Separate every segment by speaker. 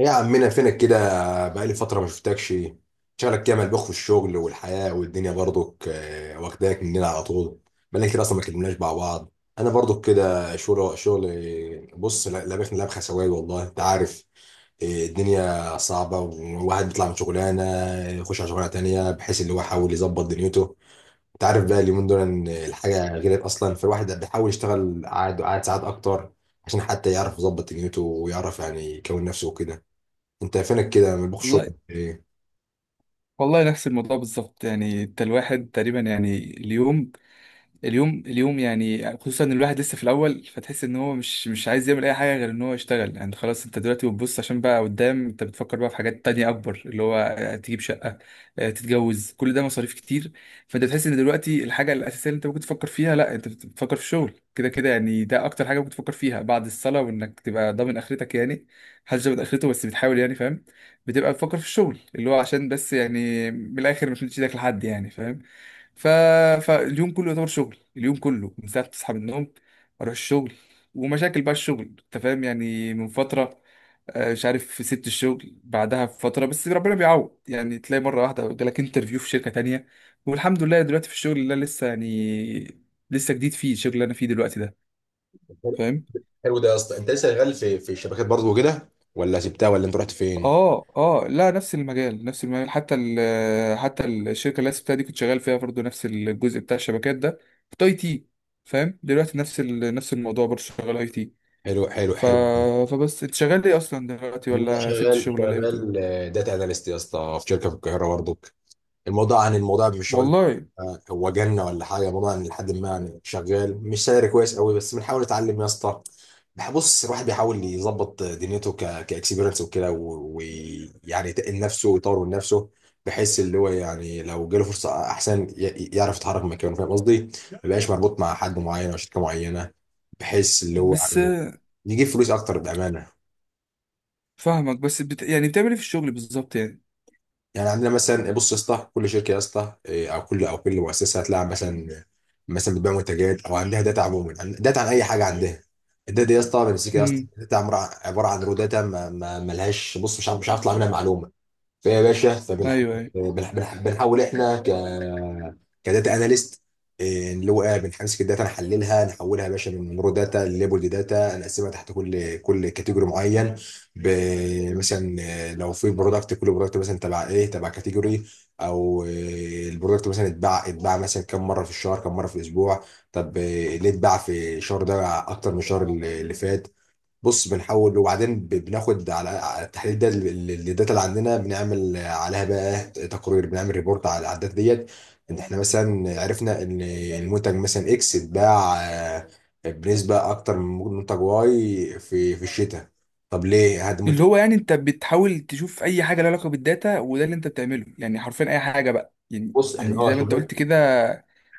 Speaker 1: يا عمنا فينك كده؟ بقالي فترة ما شفتكش. شغلك كده ملبوخ في الشغل والحياة والدنيا برضك، واخداك مننا على طول. بقالنا كتير أصلا ما كلمناش مع بعض. أنا برضك كده شغل شغل. بص، لابخني لبخة سواد والله أنت عارف. الدنيا صعبة، والواحد بيطلع من شغلانة، يخش على شغلانة تانية، بحيث اللي هو يحاول يظبط دنيته. أنت عارف بقى اليومين دول إن الحاجة غير أصلا، فالواحد بيحاول يشتغل قاعد قاعد ساعات أكتر، عشان حتى يعرف يظبط دنيته، ويعرف يعني يكون نفسه وكده. انت فينك كده من بوخ
Speaker 2: والله
Speaker 1: الشغل ايه؟
Speaker 2: والله نفس الموضوع بالظبط يعني انت الواحد تقريبا يعني اليوم يعني خصوصا ان الواحد لسه في الاول فتحس ان هو مش عايز يعمل اي حاجه غير ان هو يشتغل يعني خلاص. انت دلوقتي بتبص عشان بقى قدام، انت بتفكر بقى في حاجات تانية اكبر، اللي هو تجيب شقه، تتجوز، كل ده مصاريف كتير. فانت بتحس ان دلوقتي الحاجه الاساسيه اللي انت ممكن تفكر فيها، لا انت بتفكر في الشغل كده كده يعني. ده اكتر حاجه ممكن تفكر فيها بعد الصلاه، وانك تبقى ضامن اخرتك يعني. محدش ضامن اخرته بس بتحاول، يعني فاهم. بتبقى تفكر في الشغل اللي هو عشان بس يعني من الاخر مش مديش ايدك لحد، يعني فاهم. ف... فاليوم كله يعتبر شغل، اليوم كله من ساعة ما تصحى من النوم اروح الشغل، ومشاكل بقى الشغل انت فاهم. يعني من فترة مش عارف سبت الشغل بعدها بفترة، بس ربنا بيعوض يعني، تلاقي مرة واحدة جالك انترفيو في شركة تانية. والحمد لله دلوقتي في الشغل اللي أنا لسه يعني لسه جديد فيه، الشغل اللي انا فيه دلوقتي ده، فاهم.
Speaker 1: حلو ده يا اسطى، انت لسه شغال في الشبكات برضه وكده، ولا سبتها، ولا انت رحت فين؟
Speaker 2: اه اه، لا نفس المجال نفس المجال، حتى حتى الشركه اللي أنا سبتها دي كنت شغال فيها برضه نفس الجزء بتاع الشبكات ده، كنت اي تي فاهم. دلوقتي نفس نفس الموضوع برضه، شغال اي تي.
Speaker 1: حلو، حلو،
Speaker 2: ف
Speaker 1: حلو.
Speaker 2: فبس، انت شغال ايه اصلا دلوقتي،
Speaker 1: انا
Speaker 2: ولا سبت
Speaker 1: شغال
Speaker 2: الشغل ولا ايه بتقول؟
Speaker 1: شغال. داتا اناليست يا اسطى، في شركه في القاهره برضه. الموضوع عن الموضوع مش هقول.
Speaker 2: والله.
Speaker 1: هو جنة ولا حاجة، الموضوع عن لحد ما يعني شغال، مش سعر كويس قوي، بس بنحاول نتعلم يا اسطى. بص، الواحد بيحاول يظبط دنيته كاكسبيرنس وكده، ويعني يتقل نفسه ويطور من نفسه، بحيث اللي هو يعني لو جاله فرصة أحسن يعرف يتحرك من مكانه، فاهم قصدي؟ ما يبقاش مربوط مع حد معين أو شركة معينة، بحيث اللي هو
Speaker 2: بس
Speaker 1: يعني يجيب فلوس أكتر بأمانة.
Speaker 2: فاهمك، يعني بتعمل ايه في الشغل بالظبط يعني؟
Speaker 1: يعني عندنا مثلا، بص يا اسطى، كل شركه يا اسطى، او كل مؤسسه هتلاقي مثلا، مثلا بتبيع منتجات او عندها داتا عموما، داتا عن اي حاجه عندها. الداتا دي يا اسطى بمسكها يا اسطى،
Speaker 2: امم.
Speaker 1: داتا عباره عن رو داتا، ملهاش، بص، مش عارف اطلع منها معلومه. فيا باشا، فبنحاول،
Speaker 2: ايوه أيوه.
Speaker 1: بنحاول احنا كداتا اناليست. اللي هو بنمسك الداتا، نحللها، نحولها يا باشا من رو داتا لليبل داتا، نقسمها تحت كل كاتيجوري معين. مثلا لو في برودكت، كل برودكت مثلا تبع ايه؟ تبع كاتيجوري. او البرودكت مثلا اتباع مثلا كم مره في الشهر؟ كم مره في الاسبوع؟ طب، ليه اتباع في الشهر ده اكتر من الشهر اللي فات؟ بص، بنحول وبعدين بناخد على التحليل ده، الداتا اللي عندنا بنعمل عليها بقى تقرير، بنعمل ريبورت على الداتا ديت، ان احنا مثلا عرفنا ان المنتج مثلا اكس اتباع بنسبه اكتر من منتج واي في الشتاء. طب ليه هذا
Speaker 2: اللي
Speaker 1: منتج؟
Speaker 2: هو يعني انت بتحاول تشوف اي حاجه لها علاقه بالداتا، وده اللي انت بتعمله يعني حرفيا اي حاجه بقى يعني،
Speaker 1: بص احنا
Speaker 2: يعني زي ما انت
Speaker 1: شغل.
Speaker 2: قلت كده.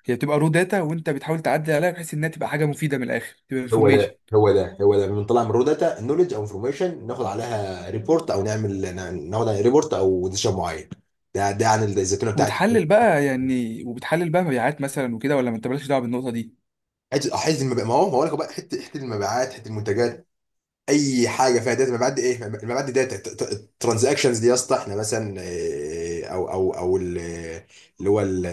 Speaker 2: هي بتبقى رو داتا وانت بتحاول تعدل عليها بحيث انها تبقى حاجه مفيده، من الاخر تبقى
Speaker 1: هو
Speaker 2: انفورميشن.
Speaker 1: ده، هو ده، هو ده، بنطلع من رو داتا نولج او انفورميشن، ناخد عليها ريبورت او نعمل، ناخد عليها ريبورت او ديسيشن معين. ده عن الزيتونه بتاعتي.
Speaker 2: وبتحلل بقى يعني، وبتحلل بقى مبيعات مثلا وكده، ولا ما انت مالكش دعوه بالنقطه دي؟
Speaker 1: حته المبيعات، ما هو لك بقى، حته المبيعات، حته المنتجات. اي حاجه فيها داتا، مبيعات دي ايه؟ مبيعات دي داتا الترانزاكشنز دي يا اسطى، احنا مثلا او اللي هو ال-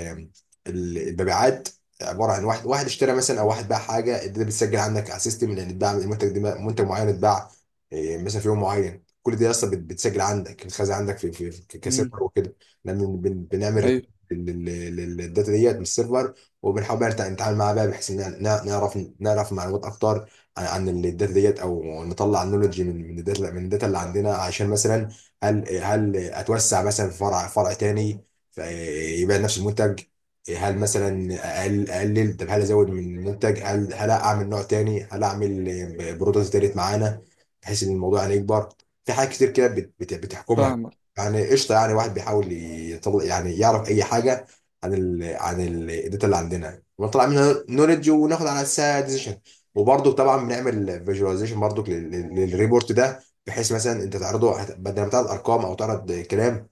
Speaker 1: ال- المبيعات. عباره عن واحد واحد اشترى مثلا، او واحد باع حاجه، الداتا بتسجل عندك على السيستم، لان اتباع المنتج ده منتج معين اتباع مثلا في يوم معين، كل دي يا اسطى بتسجل عندك، بتخزن عندك في
Speaker 2: امم.
Speaker 1: كسيرفر وكده. إحنا بنعمل
Speaker 2: ايوه.
Speaker 1: للداتا ديت من السيرفر، وبنحاول بقى نتعامل معاها بقى، بحيث ان نعرف معلومات اكتر عن الداتا ديت، او نطلع نولوجي من الداتا، من الداتا اللي عندنا، عشان مثلا هل اتوسع مثلا في فرع تاني، فيبقى نفس المنتج، هل مثلا اقلل، طب هل ازود من المنتج، هل اعمل نوع تاني، هل اعمل برودكت تالت معانا، بحيث ان الموضوع يعني يكبر. في حاجات كتير كده بتحكمها،
Speaker 2: فاهمك.
Speaker 1: يعني قشطه، يعني واحد بيحاول يطلع، يعني يعرف اي حاجه عن الداتا اللي عندنا، ونطلع منها نولج، وناخد على اساسها decision. وبرضه طبعا بنعمل فيجواليزيشن برضه للريبورت ده، بحيث مثلا انت تعرضه، بدل ما تعرض ارقام او تعرض كلام،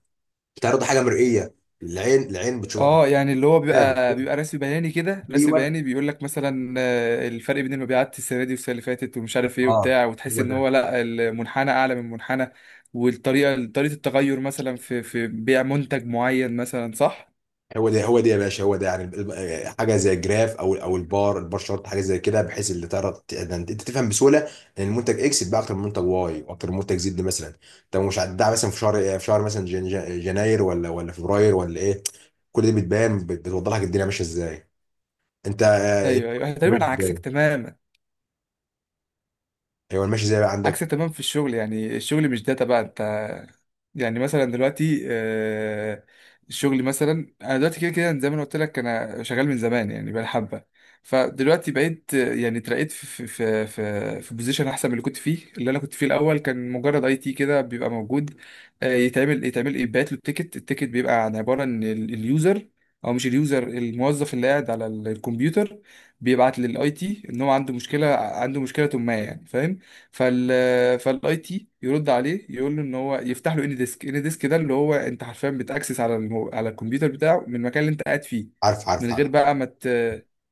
Speaker 1: بتعرض حاجه مرئيه، العين بتشوفها.
Speaker 2: اه، يعني اللي هو
Speaker 1: نعم.
Speaker 2: بيبقى رسم بياني كده، رسم
Speaker 1: ايوه.
Speaker 2: بياني بيقول لك مثلا، الفرق بين المبيعات السنه دي والسنه اللي فاتت ومش عارف ايه
Speaker 1: اه.
Speaker 2: وبتاع، وتحس
Speaker 1: هو
Speaker 2: ان هو
Speaker 1: ده،
Speaker 2: لا، المنحنى اعلى من المنحنى، والطريقه طريقه التغير مثلا في بيع منتج معين مثلا، صح؟
Speaker 1: هو ده، هو ده يا باشا، هو ده يعني حاجه زي الجراف، او البار شارت، حاجه زي كده، بحيث اللي تعرض، انت تفهم بسهوله ان المنتج اكس بقى اكتر من منتج واي واكتر من منتج زد مثلا. طب مش هتباع مثلا في شهر إيه؟ في شهر مثلا جناير، ولا فبراير، ولا ايه؟ كل دي بتبان، بتوضح لك الدنيا ماشيه ازاي. انت
Speaker 2: ايوه ايوه،
Speaker 1: ماشي
Speaker 2: تقريبا
Speaker 1: ازاي.
Speaker 2: عكسك تماما.
Speaker 1: ايوه، الماشي ازاي بقى
Speaker 2: عكس
Speaker 1: عندك.
Speaker 2: تمام في الشغل يعني. الشغل مش داتا بقى انت، يعني مثلا دلوقتي، الشغل مثلا، انا دلوقتي كده كده زي ما أنا قلت لك انا شغال من زمان يعني، بقى حبه. فدلوقتي بقيت يعني اترقيت في بوزيشن احسن من اللي كنت فيه. اللي انا كنت فيه الاول كان مجرد اي تي، كده بيبقى موجود، يتعمل يبعت له التيكت. التيكت بيبقى عن عباره ان اليوزر، او مش اليوزر، الموظف اللي قاعد على الكمبيوتر، بيبعت للاي تي ان هو عنده مشكله، عنده مشكله ما يعني فاهم. فالاي تي يرد عليه يقول له ان هو يفتح له اني ديسك. اني ديسك ده اللي هو انت حرفيا بتاكسس على على الكمبيوتر بتاعه من المكان اللي انت قاعد فيه،
Speaker 1: عارف، عارف،
Speaker 2: من غير
Speaker 1: عارف.
Speaker 2: بقى ما مت...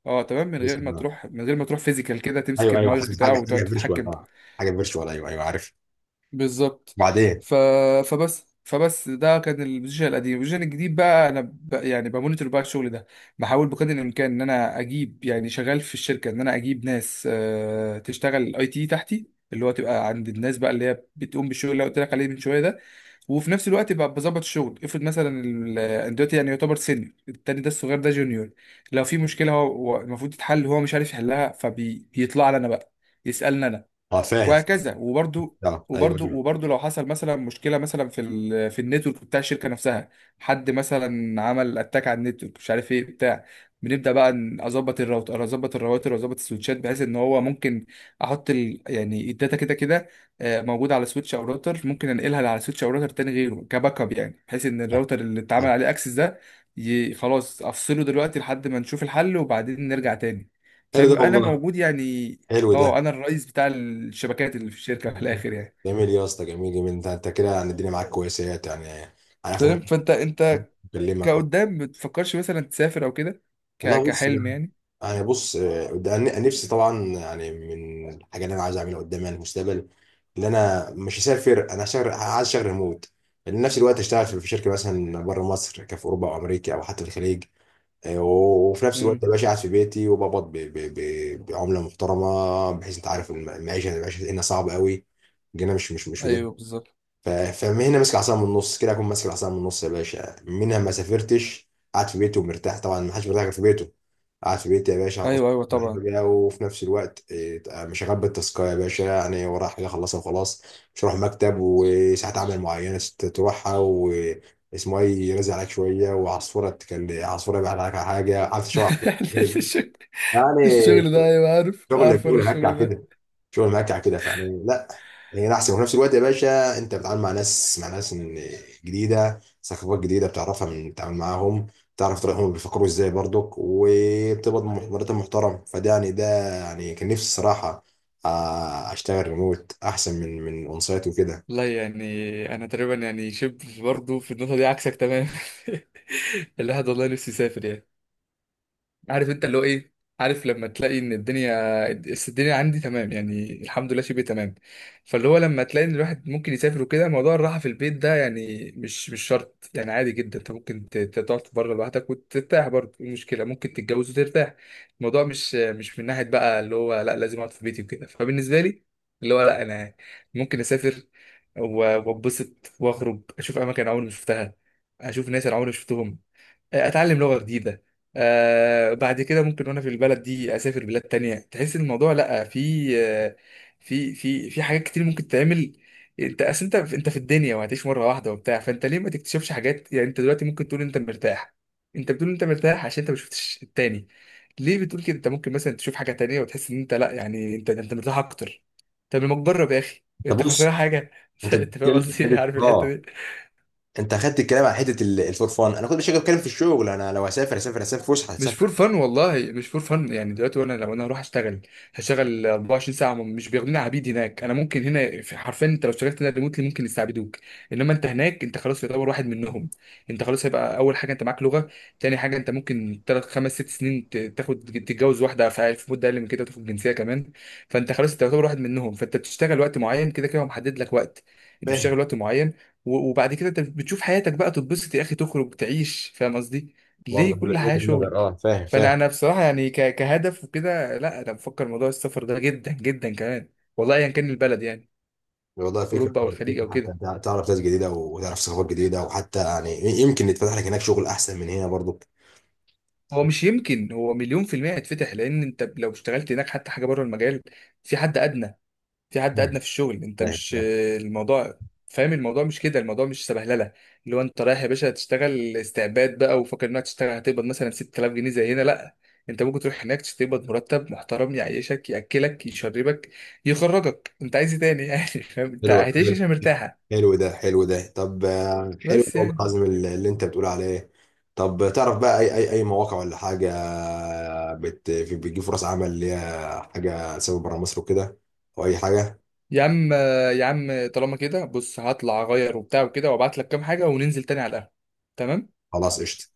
Speaker 2: اه تمام، من غير
Speaker 1: بسم
Speaker 2: ما
Speaker 1: الله.
Speaker 2: تروح، من غير ما تروح فيزيكال كده تمسك
Speaker 1: ايوه، ايوه،
Speaker 2: الماوس
Speaker 1: حاجه
Speaker 2: بتاعه
Speaker 1: حاجه حاجه
Speaker 2: وتقعد
Speaker 1: فيرتشوال،
Speaker 2: تتحكم.
Speaker 1: اه. حاجه فيرتشوال، ايوه، ايوه، عارف.
Speaker 2: بالظبط.
Speaker 1: وبعدين،
Speaker 2: ف... فبس ده كان البوزيشن القديم. البوزيشن الجديد بقى انا يعني بمونيتور بقى الشغل ده. بحاول بقدر الامكان ان انا اجيب يعني، شغال في الشركه ان انا اجيب ناس تشتغل اي تي تحتي، اللي هو تبقى عند الناس بقى اللي هي بتقوم بالشغل اللي أنا قلت لك عليه من شويه ده. وفي نفس الوقت بقى بظبط الشغل. افرض مثلا أنا دلوقتي يعني يعتبر سينيور، التاني ده الصغير ده جونيور. لو في مشكله هو، هو المفروض تتحل هو مش عارف يحلها، فبيطلع لي انا بقى يسالني أنا.
Speaker 1: اه، فاهم،
Speaker 2: وهكذا. وبرضو
Speaker 1: اه، ايوه،
Speaker 2: وبرضو
Speaker 1: ايوه،
Speaker 2: وبرضو لو حصل مثلا مشكله مثلا في في النتورك بتاع الشركه نفسها، حد مثلا عمل اتاك على النتورك مش عارف ايه بتاع، بنبدا بقى اظبط الراوتر، اظبط الراوتر واظبط السويتشات، بحيث ان هو ممكن احط ال يعني الداتا كده كده، موجوده على سويتش او راوتر، ممكن انقلها على سويتش او راوتر تاني غيره كباك اب، يعني بحيث ان
Speaker 1: آه،
Speaker 2: الراوتر اللي اتعمل
Speaker 1: آه.
Speaker 2: عليه اكسس ده خلاص افصله دلوقتي لحد ما نشوف الحل، وبعدين نرجع تاني.
Speaker 1: حلو ده
Speaker 2: فبيبقى انا
Speaker 1: والله.
Speaker 2: موجود يعني،
Speaker 1: حلو ده.
Speaker 2: اه انا الرئيس بتاع الشبكات اللي في الشركه في الاخر يعني.
Speaker 1: جميل يا اسطى، جميل، جميل. انت كده يعني الدنيا معاك كويسه، يعني على اخر
Speaker 2: فاهم.
Speaker 1: مره
Speaker 2: فانت انت
Speaker 1: بكلمك، اه.
Speaker 2: كقدام ما تفكرش مثلا تسافر او كده،
Speaker 1: والله بص.
Speaker 2: كحلم يعني؟
Speaker 1: انا بص، ده أنا نفسي طبعا يعني من الحاجه اللي انا عايز اعملها قدام، يعني المستقبل، اللي انا مش هسافر، انا هشتغل، عايز اشتغل ريموت. لان نفس الوقت اشتغل في شركه مثلا بره مصر، كفي اوروبا او امريكا او حتى في الخليج. وفي نفس الوقت
Speaker 2: امم.
Speaker 1: باشا قاعد في بيتي وبقبض بعمله محترمه، بحيث انت عارف، المعيشه هنا صعبه قوي. جينا مش.
Speaker 2: ايوه بالظبط.
Speaker 1: فهنا ماسك العصا من النص كده، اكون ماسك العصا من النص يا باشا، منها ما سافرتش، قاعد في بيته ومرتاح، طبعا ما حدش مرتاح غير في بيته. قاعد في بيتي يا باشا عن أصول.
Speaker 2: ايوه ايوه طبعا.
Speaker 1: حاجة. وفي نفس الوقت مش هغبي التاسكايه يا باشا، يعني ورايا حاجه اخلصها وخلاص. مش هروح مكتب وساعات عمل معينه تروحها، واسمه ايه يرزق عليك شويه، وعصفوره تكلم عصفوره يبعت عليك على حاجه، عارف شو
Speaker 2: الشغل،
Speaker 1: يعني.
Speaker 2: الشغل ده ايوه، عارف
Speaker 1: شغل
Speaker 2: عارف انا
Speaker 1: شغل هكع
Speaker 2: الشغل ده.
Speaker 1: كده، شغل مهكع كده، فيعني لا. هنا احسن، وفي نفس الوقت يا باشا انت بتتعامل مع ناس جديده، ثقافات جديده بتعرفها من بتتعامل معاهم، تعرف طريقهم بيفكروا ازاي برضك، وبتقبض مرتب محترم، فده يعني ده، يعني كان نفسي الصراحه، اشتغل ريموت احسن من اون سايت وكده.
Speaker 2: لا يعني انا تقريبا يعني شبه برضه في النقطه دي عكسك تمام. الواحد والله نفسي يسافر يعني. عارف انت اللي هو ايه، عارف لما تلاقي ان الدنيا، بس الدنيا عندي تمام يعني الحمد لله شبه تمام، فاللي هو لما تلاقي ان الواحد ممكن يسافر وكده، موضوع الراحه في البيت ده يعني مش شرط يعني. عادي جدا انت ممكن تقعد بره لوحدك وترتاح برضه، ايه المشكله؟ ممكن تتجوز وترتاح. الموضوع مش من ناحيه بقى اللي هو لا لازم اقعد في بيتي وكده. فبالنسبه لي اللي هو لا، انا ممكن اسافر، واتبسط واخرج اشوف اماكن عمري ما شفتها، اشوف ناس انا عمري ما شفتهم، اتعلم لغه جديده. آه، بعد كده ممكن وانا في البلد دي اسافر بلاد تانية، تحس ان الموضوع لا، في آه، في حاجات كتير ممكن تعمل. انت اصل انت، انت في الدنيا وهتعيش مره واحده وبتاع، فانت ليه ما تكتشفش حاجات يعني؟ انت دلوقتي ممكن تقول انت مرتاح، انت بتقول انت مرتاح عشان انت ما شفتش التاني. ليه بتقول كده؟ انت ممكن مثلا تشوف حاجه تانية وتحس ان انت لا يعني انت، انت مرتاح اكتر. طب لما تجرب يا اخي،
Speaker 1: طب
Speaker 2: انت خسران
Speaker 1: بص،
Speaker 2: حاجه؟
Speaker 1: انت
Speaker 2: انت فاهم
Speaker 1: بتتكلم في
Speaker 2: قصدي إيه؟
Speaker 1: حته،
Speaker 2: عارف الحته
Speaker 1: اه.
Speaker 2: دي.
Speaker 1: انت اخدت الكلام عن حته الفور فان، انا كنت مش بتكلم في الشغل، انا لو هسافر فسحه،
Speaker 2: مش فور
Speaker 1: هسافر.
Speaker 2: فن والله، مش فور فن يعني. دلوقتي وانا لو انا هروح اشتغل هشتغل 24 ساعه، مش بياخدوني عبيد هناك. انا ممكن هنا في، حرفيا انت لو اشتغلت هنا ريموتلي ممكن يستعبدوك. انما انت هناك انت خلاص يعتبر واحد منهم. انت خلاص، هيبقى اول حاجه انت معاك لغه، تاني حاجه انت ممكن 3 5 6 سنين تاخد تتجوز واحده، في مده اقل من كده تاخد جنسيه كمان. فانت خلاص انت يعتبر واحد منهم. فانت بتشتغل وقت معين كده كده هو محدد لك وقت، انت
Speaker 1: فاهم.
Speaker 2: بتشتغل وقت معين، وبعد كده انت بتشوف حياتك بقى، تتبسط يا اخي تخرج تعيش فاهم قصدي؟
Speaker 1: برضه
Speaker 2: ليه كل حياة
Speaker 1: وجهه
Speaker 2: شغل؟
Speaker 1: نظر، اه، فاهم، فاهم.
Speaker 2: فانا، انا بصراحه يعني كهدف وكده لا، انا بفكر موضوع السفر ده جدا جدا كمان، والله ايا كان البلد يعني،
Speaker 1: والله فكرة.
Speaker 2: اوروبا او الخليج
Speaker 1: فكرة
Speaker 2: او
Speaker 1: حتى،
Speaker 2: كده.
Speaker 1: انت تعرف ناس جديدة وتعرف ثقافات جديدة، وحتى يعني يمكن يتفتح لك هناك شغل أحسن من هنا برضو.
Speaker 2: هو مش يمكن، هو 100% هيتفتح، لان انت لو اشتغلت هناك حتى حاجه بره المجال، في حد ادنى، في حد ادنى في الشغل. انت
Speaker 1: فاهم،
Speaker 2: مش
Speaker 1: فاهم.
Speaker 2: الموضوع، فاهم الموضوع مش كده. الموضوع مش سبهلله اللي هو انت رايح يا باشا تشتغل استعباد بقى وفاكر انك تشتغل هتقبض مثلا 6000 جنيه زي هنا، لا. انت ممكن تروح هناك تقبض مرتب محترم، يعيشك ياكلك يشربك يخرجك، انت عايز ايه تاني يعني؟ فاهم، انت
Speaker 1: حلو،
Speaker 2: هتعيش
Speaker 1: حلو،
Speaker 2: عشان مرتاحه.
Speaker 1: حلو ده، حلو ده، طب، حلو ده
Speaker 2: بس
Speaker 1: والله
Speaker 2: يعني.
Speaker 1: العظيم، اللي انت بتقول عليه. طب تعرف بقى أي مواقع ولا حاجة، بتجيب فرص عمل اللي هي حاجة سبب بره مصر وكده، أو أي حاجة.
Speaker 2: يا عم، يا عم طالما كده بص هطلع اغير وبتاع وكده، وابعت لك كام حاجه وننزل تاني على القهوه. تمام.
Speaker 1: خلاص، قشطة.